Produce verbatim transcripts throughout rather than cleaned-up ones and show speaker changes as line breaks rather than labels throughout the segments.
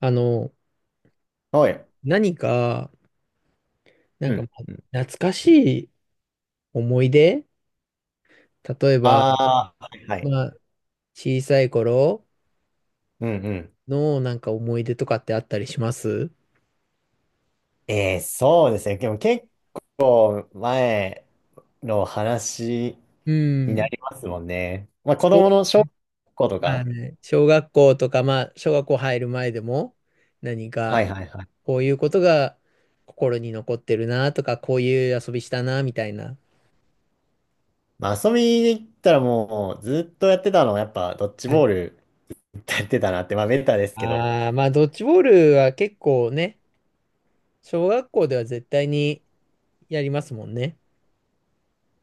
あの、
はい。
何か、な
う
んか、ま
ん。
あ
うん
懐かしい思い出、例えば、
ああ、はいはい。
まあ、小さい頃
うんうん。
のなんか思い出とかってあったりします？
えー、そうですね。でも結構前の話
う
にな
ん。
りますもんね。まあ
そ
子供の小
うね。
学校と
あ
か。
のね、小学校とか、まあ、小学校入る前でも、何
は
か、
いはいはい。
こういうことが心に残ってるなとか、こういう遊びしたな、みたいな。
まあ遊びに行ったらもうずっとやってたのはやっぱドッジ
は
ボー
い。
ルやってたなって、まあベタですけど。
ああ、まあ、ドッジボールは結構ね、小学校では絶対にやりますもんね。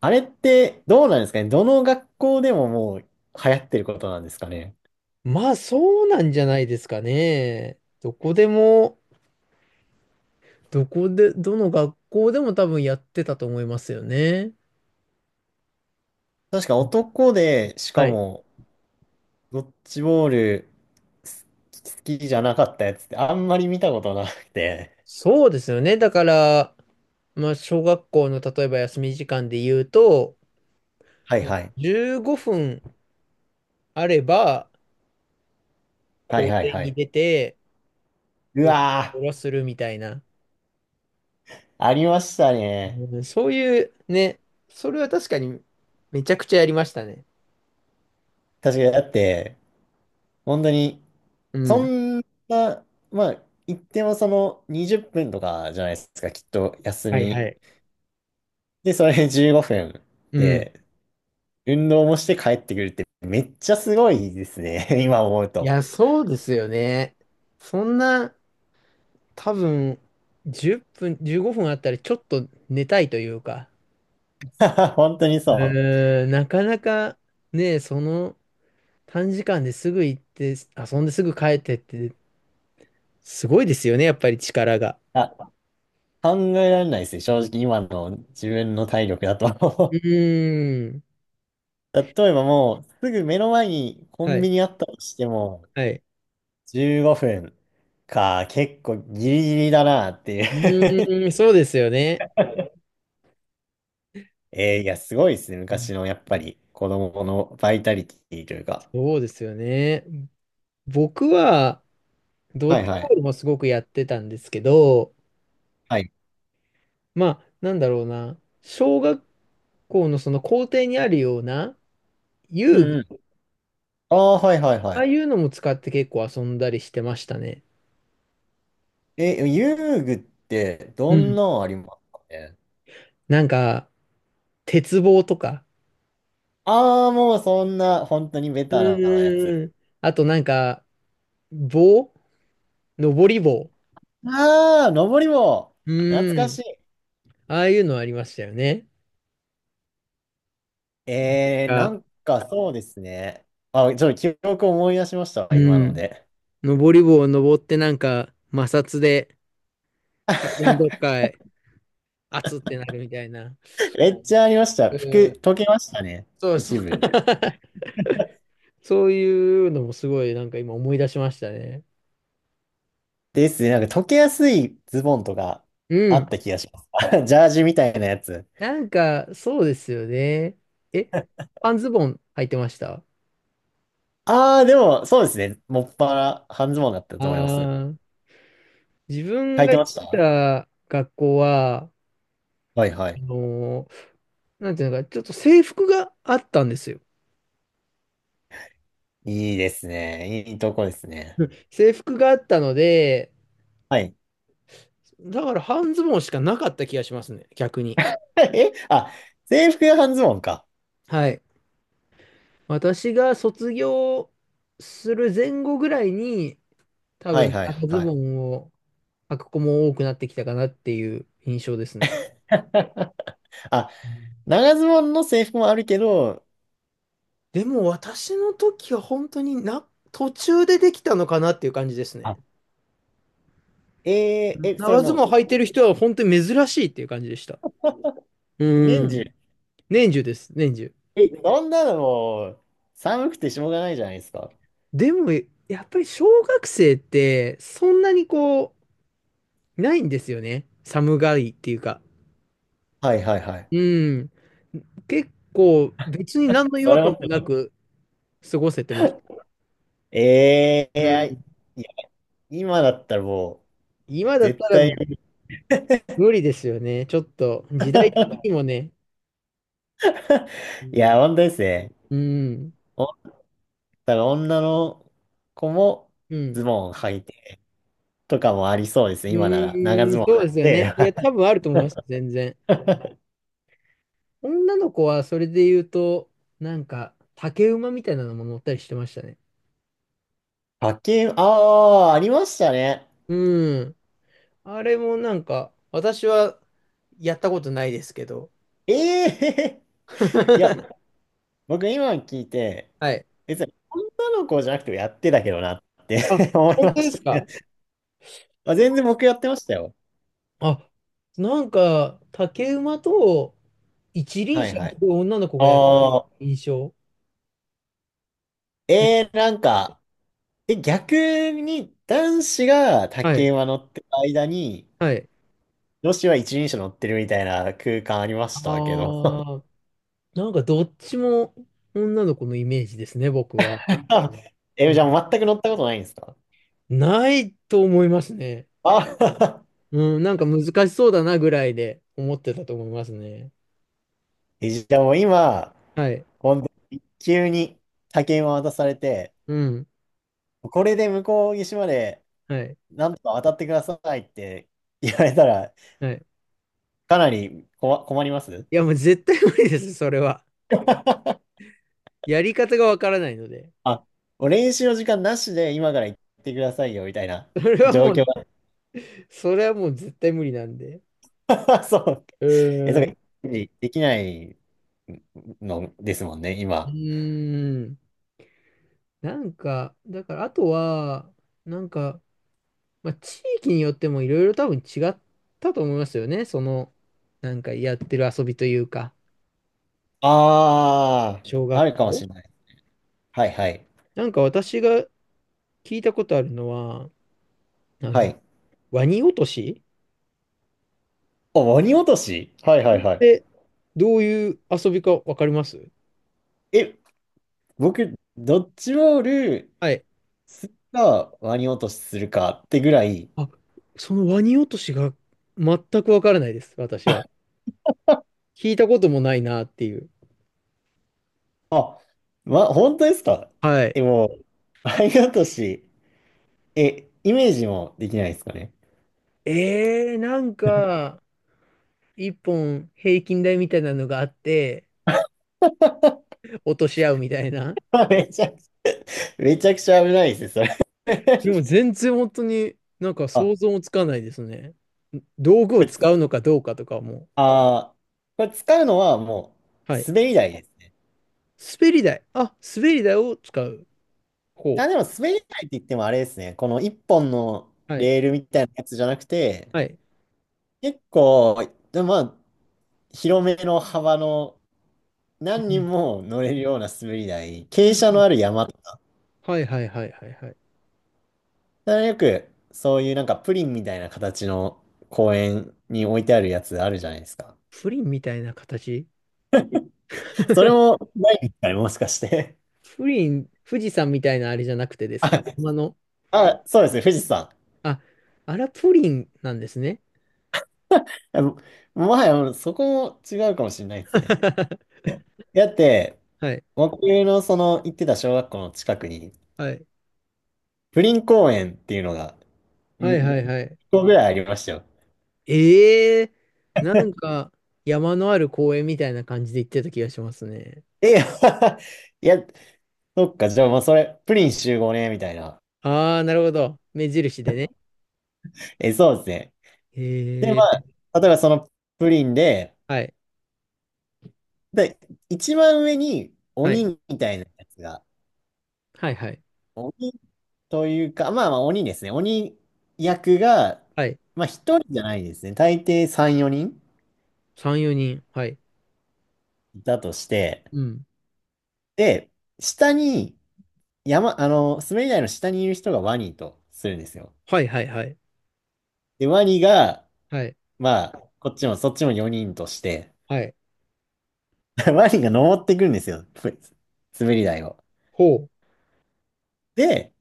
あれってどうなんですかね。どの学校でももう流行ってることなんですかね。
まあそうなんじゃないですかね。どこでも、どこで、どの学校でも多分やってたと思いますよね。
確か男で、しか
はい。
もドッジボールす好きじゃなかったやつってあんまり見たことなくて。
そうですよね。だから、まあ小学校の例えば休み時間で言うと、
はい
もう
はい。
じゅうごふんあれば
はい
校
はい
庭
は
に
い。
出て、
う
ドッジ
わ
ボールをするみたいな。
ー、ありましたね。
うん、そういうね、それは確かにめちゃくちゃやりましたね。
確かに、だって、本当に、
う
そ
ん。
んな、まあ、言ってもそのにじゅっぷんとかじゃないですか、きっと休
はいは
み。
い。
で、それじゅうごふん
うん。
で、運動もして帰ってくるってめっちゃすごいですね、今思う
い
と。
や、そうですよね。そんな、多分、じゅっぷん、じゅうごふんあったらちょっと寝たいというか、
本当にそう。
えーなかなかね、その短時間ですぐ行って、遊んですぐ帰ってって、すごいですよね、やっぱり力が。
あ考えられないですね。正直今の自分の体力だ
う
と
ーん。
例えばもうすぐ目の前にコ
は
ンビ
い。
ニあったとしても
はい。
じゅうごふんか結構ギリギリだなっていう
うーん、そうですよね。
えーいや、すごいですね。昔のやっぱり子供のバイタリティというか。
そうですよね。僕は、ドッ
はい
ジ
は
ボ
い。
ールもすごくやってたんですけど、
はい。
まあ、なんだろうな、小学校のその校庭にあるような
う
遊
んうん。ああ、はいはいは
ああ
い。
いうのも使って結構遊んだりしてましたね。
え、遊具って
う
どん
ん。
なのありますかね
なんか、鉄棒とか。
ああー、もうそんな本当にベ
う
タなやつ。
ーん。あとなんか、棒登り棒。
ああ、登り棒。
う
懐か
ー
し
ん。
い。
ああいうのありましたよね。
えー、な
が、
んかそうですね。あ、ちょっと記憶思い出しましたわ、今
う
の
ん。
で。
登り棒を登ってなんか、摩擦で体のどっ かへ、熱ってなるみたいな。
めっちゃありまし
う
た。
ん。
服、溶けましたね。
そうそう。
一 部。
そういうのもすごいなんか今思い出しましたね。
ですね。なんか溶けやすいズボンとか
う
あ
ん。
った気がします。ジャージみたいなやつ。
なんか、そうですよね。え、半ズボン履いてました？
ああ、でも、そうですね。もっぱら半ズボンだった
あ
と思います。
ー、自分
履い
が
て
行っ
まし
て
た
た学校は、
はいは
あ
い。
のーなんていうのか、ちょっと制服があったんですよ。
いいですね。いいとこです ね。
うん、制服があったので、
はい。
だから半ズボンしかなかった気がしますね、逆に。
え、あ、制服が半ズボンか。
はい。私が卒業する前後ぐらいに、多
はい
分
はい
長ズボ
は
ンを履く子も多くなってきたかなっていう印象ですね。
い。あ、長ズボンの制服もあるけど、
でも私の時は本当にな、途中でできたのかなっていう感じですね。
あ、え
う
ー、
ん、
え、それ
長ズボ
も
ン履いてる人は本当に珍しいっていう感じでした。
う、
う
年中、
ん。年中です、年中。
え、そんなのもう、寒くてしょうがないじゃないですか。
でも、やっぱり小学生ってそんなにこう、ないんですよね。寒がりっていうか。
はいはいはい。
うん。結構別に 何の違
そ
和
れ
感
も、
もなく過ごせてました。
えー、い
う
や、い
ん。
や今だったらもう、
今だっ
絶
たら
対、
もう無理ですよね。ちょっと時代的にもね。う
い
ん。
や、本当ですね。
うん。
おだから女の子も
うん。
ズボン履いてとかもありそうです
う
ね、今なら。長
ーん、
ズボン
そうで
履
す
い
よね。
て。
いや、多 分あると思います、全然。女の子はそれで言うと、なんか、竹馬みたいなのも乗ったりしてましたね。
派遣、ああ、ありましたね。
うん。あれもなんか、私はやったことないですけど。
ええー、いや、僕今聞いて、
はい。
別に女の子じゃなくてもやってたけどなって
あ、
思い
本
ま
当
し
で
た
す
け
か？
どまあ、全然僕やってましたよ。
あ、なんか、竹馬と一輪
はい
車を
は
す
い。
ごい女の子がやってる
ああ、
印象で、
えー、なんか、え、逆に男子が
は
竹
い、
馬乗ってる間に、
はい。
女子は一輪車乗ってるみたいな空間ありましたけ
あ
ど。
あ、なんかどっちも女の子のイメージですね、僕は。
あ
う
え、じゃあも
ん、
う全く乗ったことないんですか
ないと思いますね。
あ
うん、なんか難しそうだなぐらいで思ってたと思いますね。
え、じゃあもう今、
はい。
本当に急に竹馬渡されて、
うん。
これで向こう岸まで
はい。
なんとか渡ってくださいって言われたら、
はい。
かなりこわ困ります
いや、もう絶対無理です、それは。やり方がわからないので。
あ、もう練習の時間なしで今から行ってくださいよみたいな
それは
状
も
況
う、それはもう絶対無理なんで。
が。そう。
う
え、そう
ー
か、
ん。
できないのですもんね、
う
今。
ーん。なんか、だから、あとは、なんか、まあ、地域によってもいろいろ多分違ったと思いますよね。その、なんかやってる遊びというか、
あ
小
あ、あ
学
るかも
校。
しれない。はいはい。
なんか私が聞いたことあるのは、あ
は
の、
い。
ワニ落とし
お、鬼落としはいはいはい。
で、どういう遊びかわかります？
え、僕、ドッジボール
はい。
するか、ワニ落としするかってぐらい、
あ、そのワニ落としが全くわからないです、私は。聞いたこともないなっていう。
あ、ま、本当ですか
はい。
え、もう、ワニ落とし。え、イメージもできないですかね。
えー、なんか、一本平均台みたいなのがあって、落とし合うみたいな。
めちゃくちゃ、めちゃくちゃ危ないですね、そ
で
れ。
も全然本当になんか
あ、
想像
こ
もつかないですね。道具を
れ
使うのかどうかとかも。
あー、これ使うのはもう
はい。
滑り台ですね。
滑り台。あ、滑り台を使う。
あ、
方
でも滑り台って言ってもあれですね。この一本の
はい。
レールみたいなやつじゃなくて、
はい。
結構、でもまあ、広めの幅の
う
何人
ん。
も乗れるような滑り台、
う
傾斜の
ん。
ある山。だか
はいはいはいはいはい。
らよく、そういうなんかプリンみたいな形の公園に置いてあるやつあるじゃないですか。
プリンみたいな形？
それもないんですかね、もしかして。
プリン、富士山みたいなあれじゃなくてで す
あ、
か、山の。
あ、そうですね、富士山。い
あ、あら、プリンなんですね。
やももはや、そこも違うかもしれないですね。だって、
はい。
僕のその行ってた小学校の近くに、
はい。
プリン公園っていうのが、
はい
ん1
はいはい。
個ぐらいありましたよ。
ええー、なんか山のある公園みたいな感じで行ってた気がしますね。
え、いや、そっか、じゃあ、まあ、それ、プリン集合ね、みたいな。
ああ、なるほど。目印でね。
え、そうですね。
え
で、ま
えー、
あ、例えばそのプリンで、
はい。
で、一番上に
は
鬼
い。
みたいなやつが、
はいはい。
鬼というか、まあまあ鬼ですね。鬼役が、
はい。
まあ一人じゃないですね。大抵さん、よにん
さん、よにん。はい。
いたとして、
うん。
で、下に、山、あの、滑り台の下にいる人がワニとするんですよ。
はいはいはい。
で、ワニが、
はい。
まあ、こっちもそっちもよにんとして、
はい。
ワニが登ってくるんですよ。滑り台を。
ほう。
で、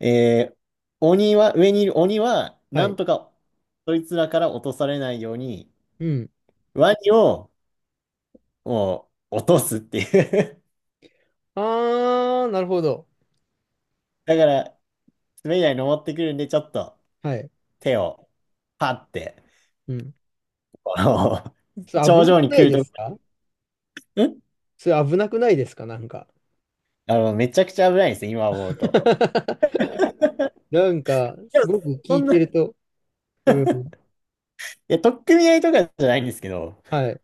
えー鬼は、上にいる鬼は、
は
なん
い。
とか、そいつらから落とされないように、
うん。
ワニを、もう、落とすっていう
あー、なるほど。
だから、滑り台に登ってくるんで、ちょっと
はい。
手をパって、
うん。
あの
それ危
頂
な
上
く
に
な
来
い
る
で
と、
すか？
ん
それ危なくないですかなんか。
あの、めちゃくちゃ危ないんですよ、今思うと。
なんか、
で
す
も、
ごく聞
そ
い
んな、
てる
い
と。うん。
や、取っ組み合いとかじゃないんですけど、
はい。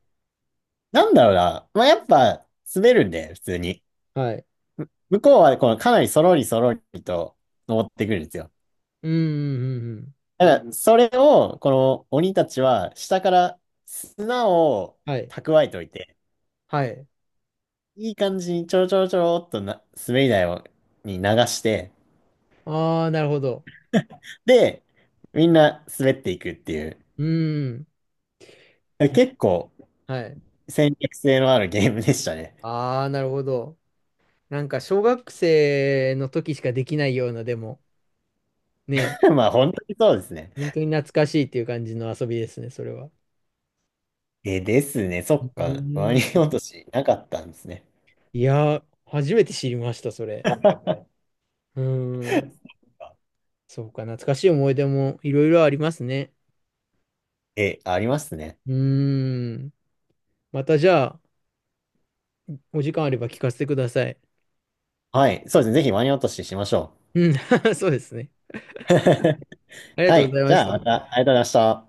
なんだろうな。まあ、やっぱ、滑るんで、普通に。
はい。
向こうは、この、かなりそろりそろりと登ってくるんですよ。
うん、うん、うん。うん、
だから、それを、この鬼たちは、下から砂を
はい。
蓄えておいて、
はい。
いい感じにちょろちょろちょろっとな、滑り台を、に流して、
あー、なるほど。
で、みんな滑っていくっていう、
うん。
結構
はい。
戦略性のあるゲームでしたね。
あー、なるほど。なんか、小学生の時しかできないような、でも、ね、
まあ本当にそうですね。
本当に懐かしいっていう感じの遊びですね、それは。
え、ですね。そ
う
っか。ワ
ん。
ニ落としなかったんですね。
いやー、初めて知りました、それ。うん。そうか、懐かしい思い出もいろいろありますね。
え、ありますね。
うーん。またじゃあ、お時間あれば聞かせてください。
はい。そうですね。ぜひワニ落とししましょ
うん、そうですね。
う。
あ りが
は
とうご
い。
ざい
じ
ま
ゃ
し
あまた、
た。
ありがとうございました。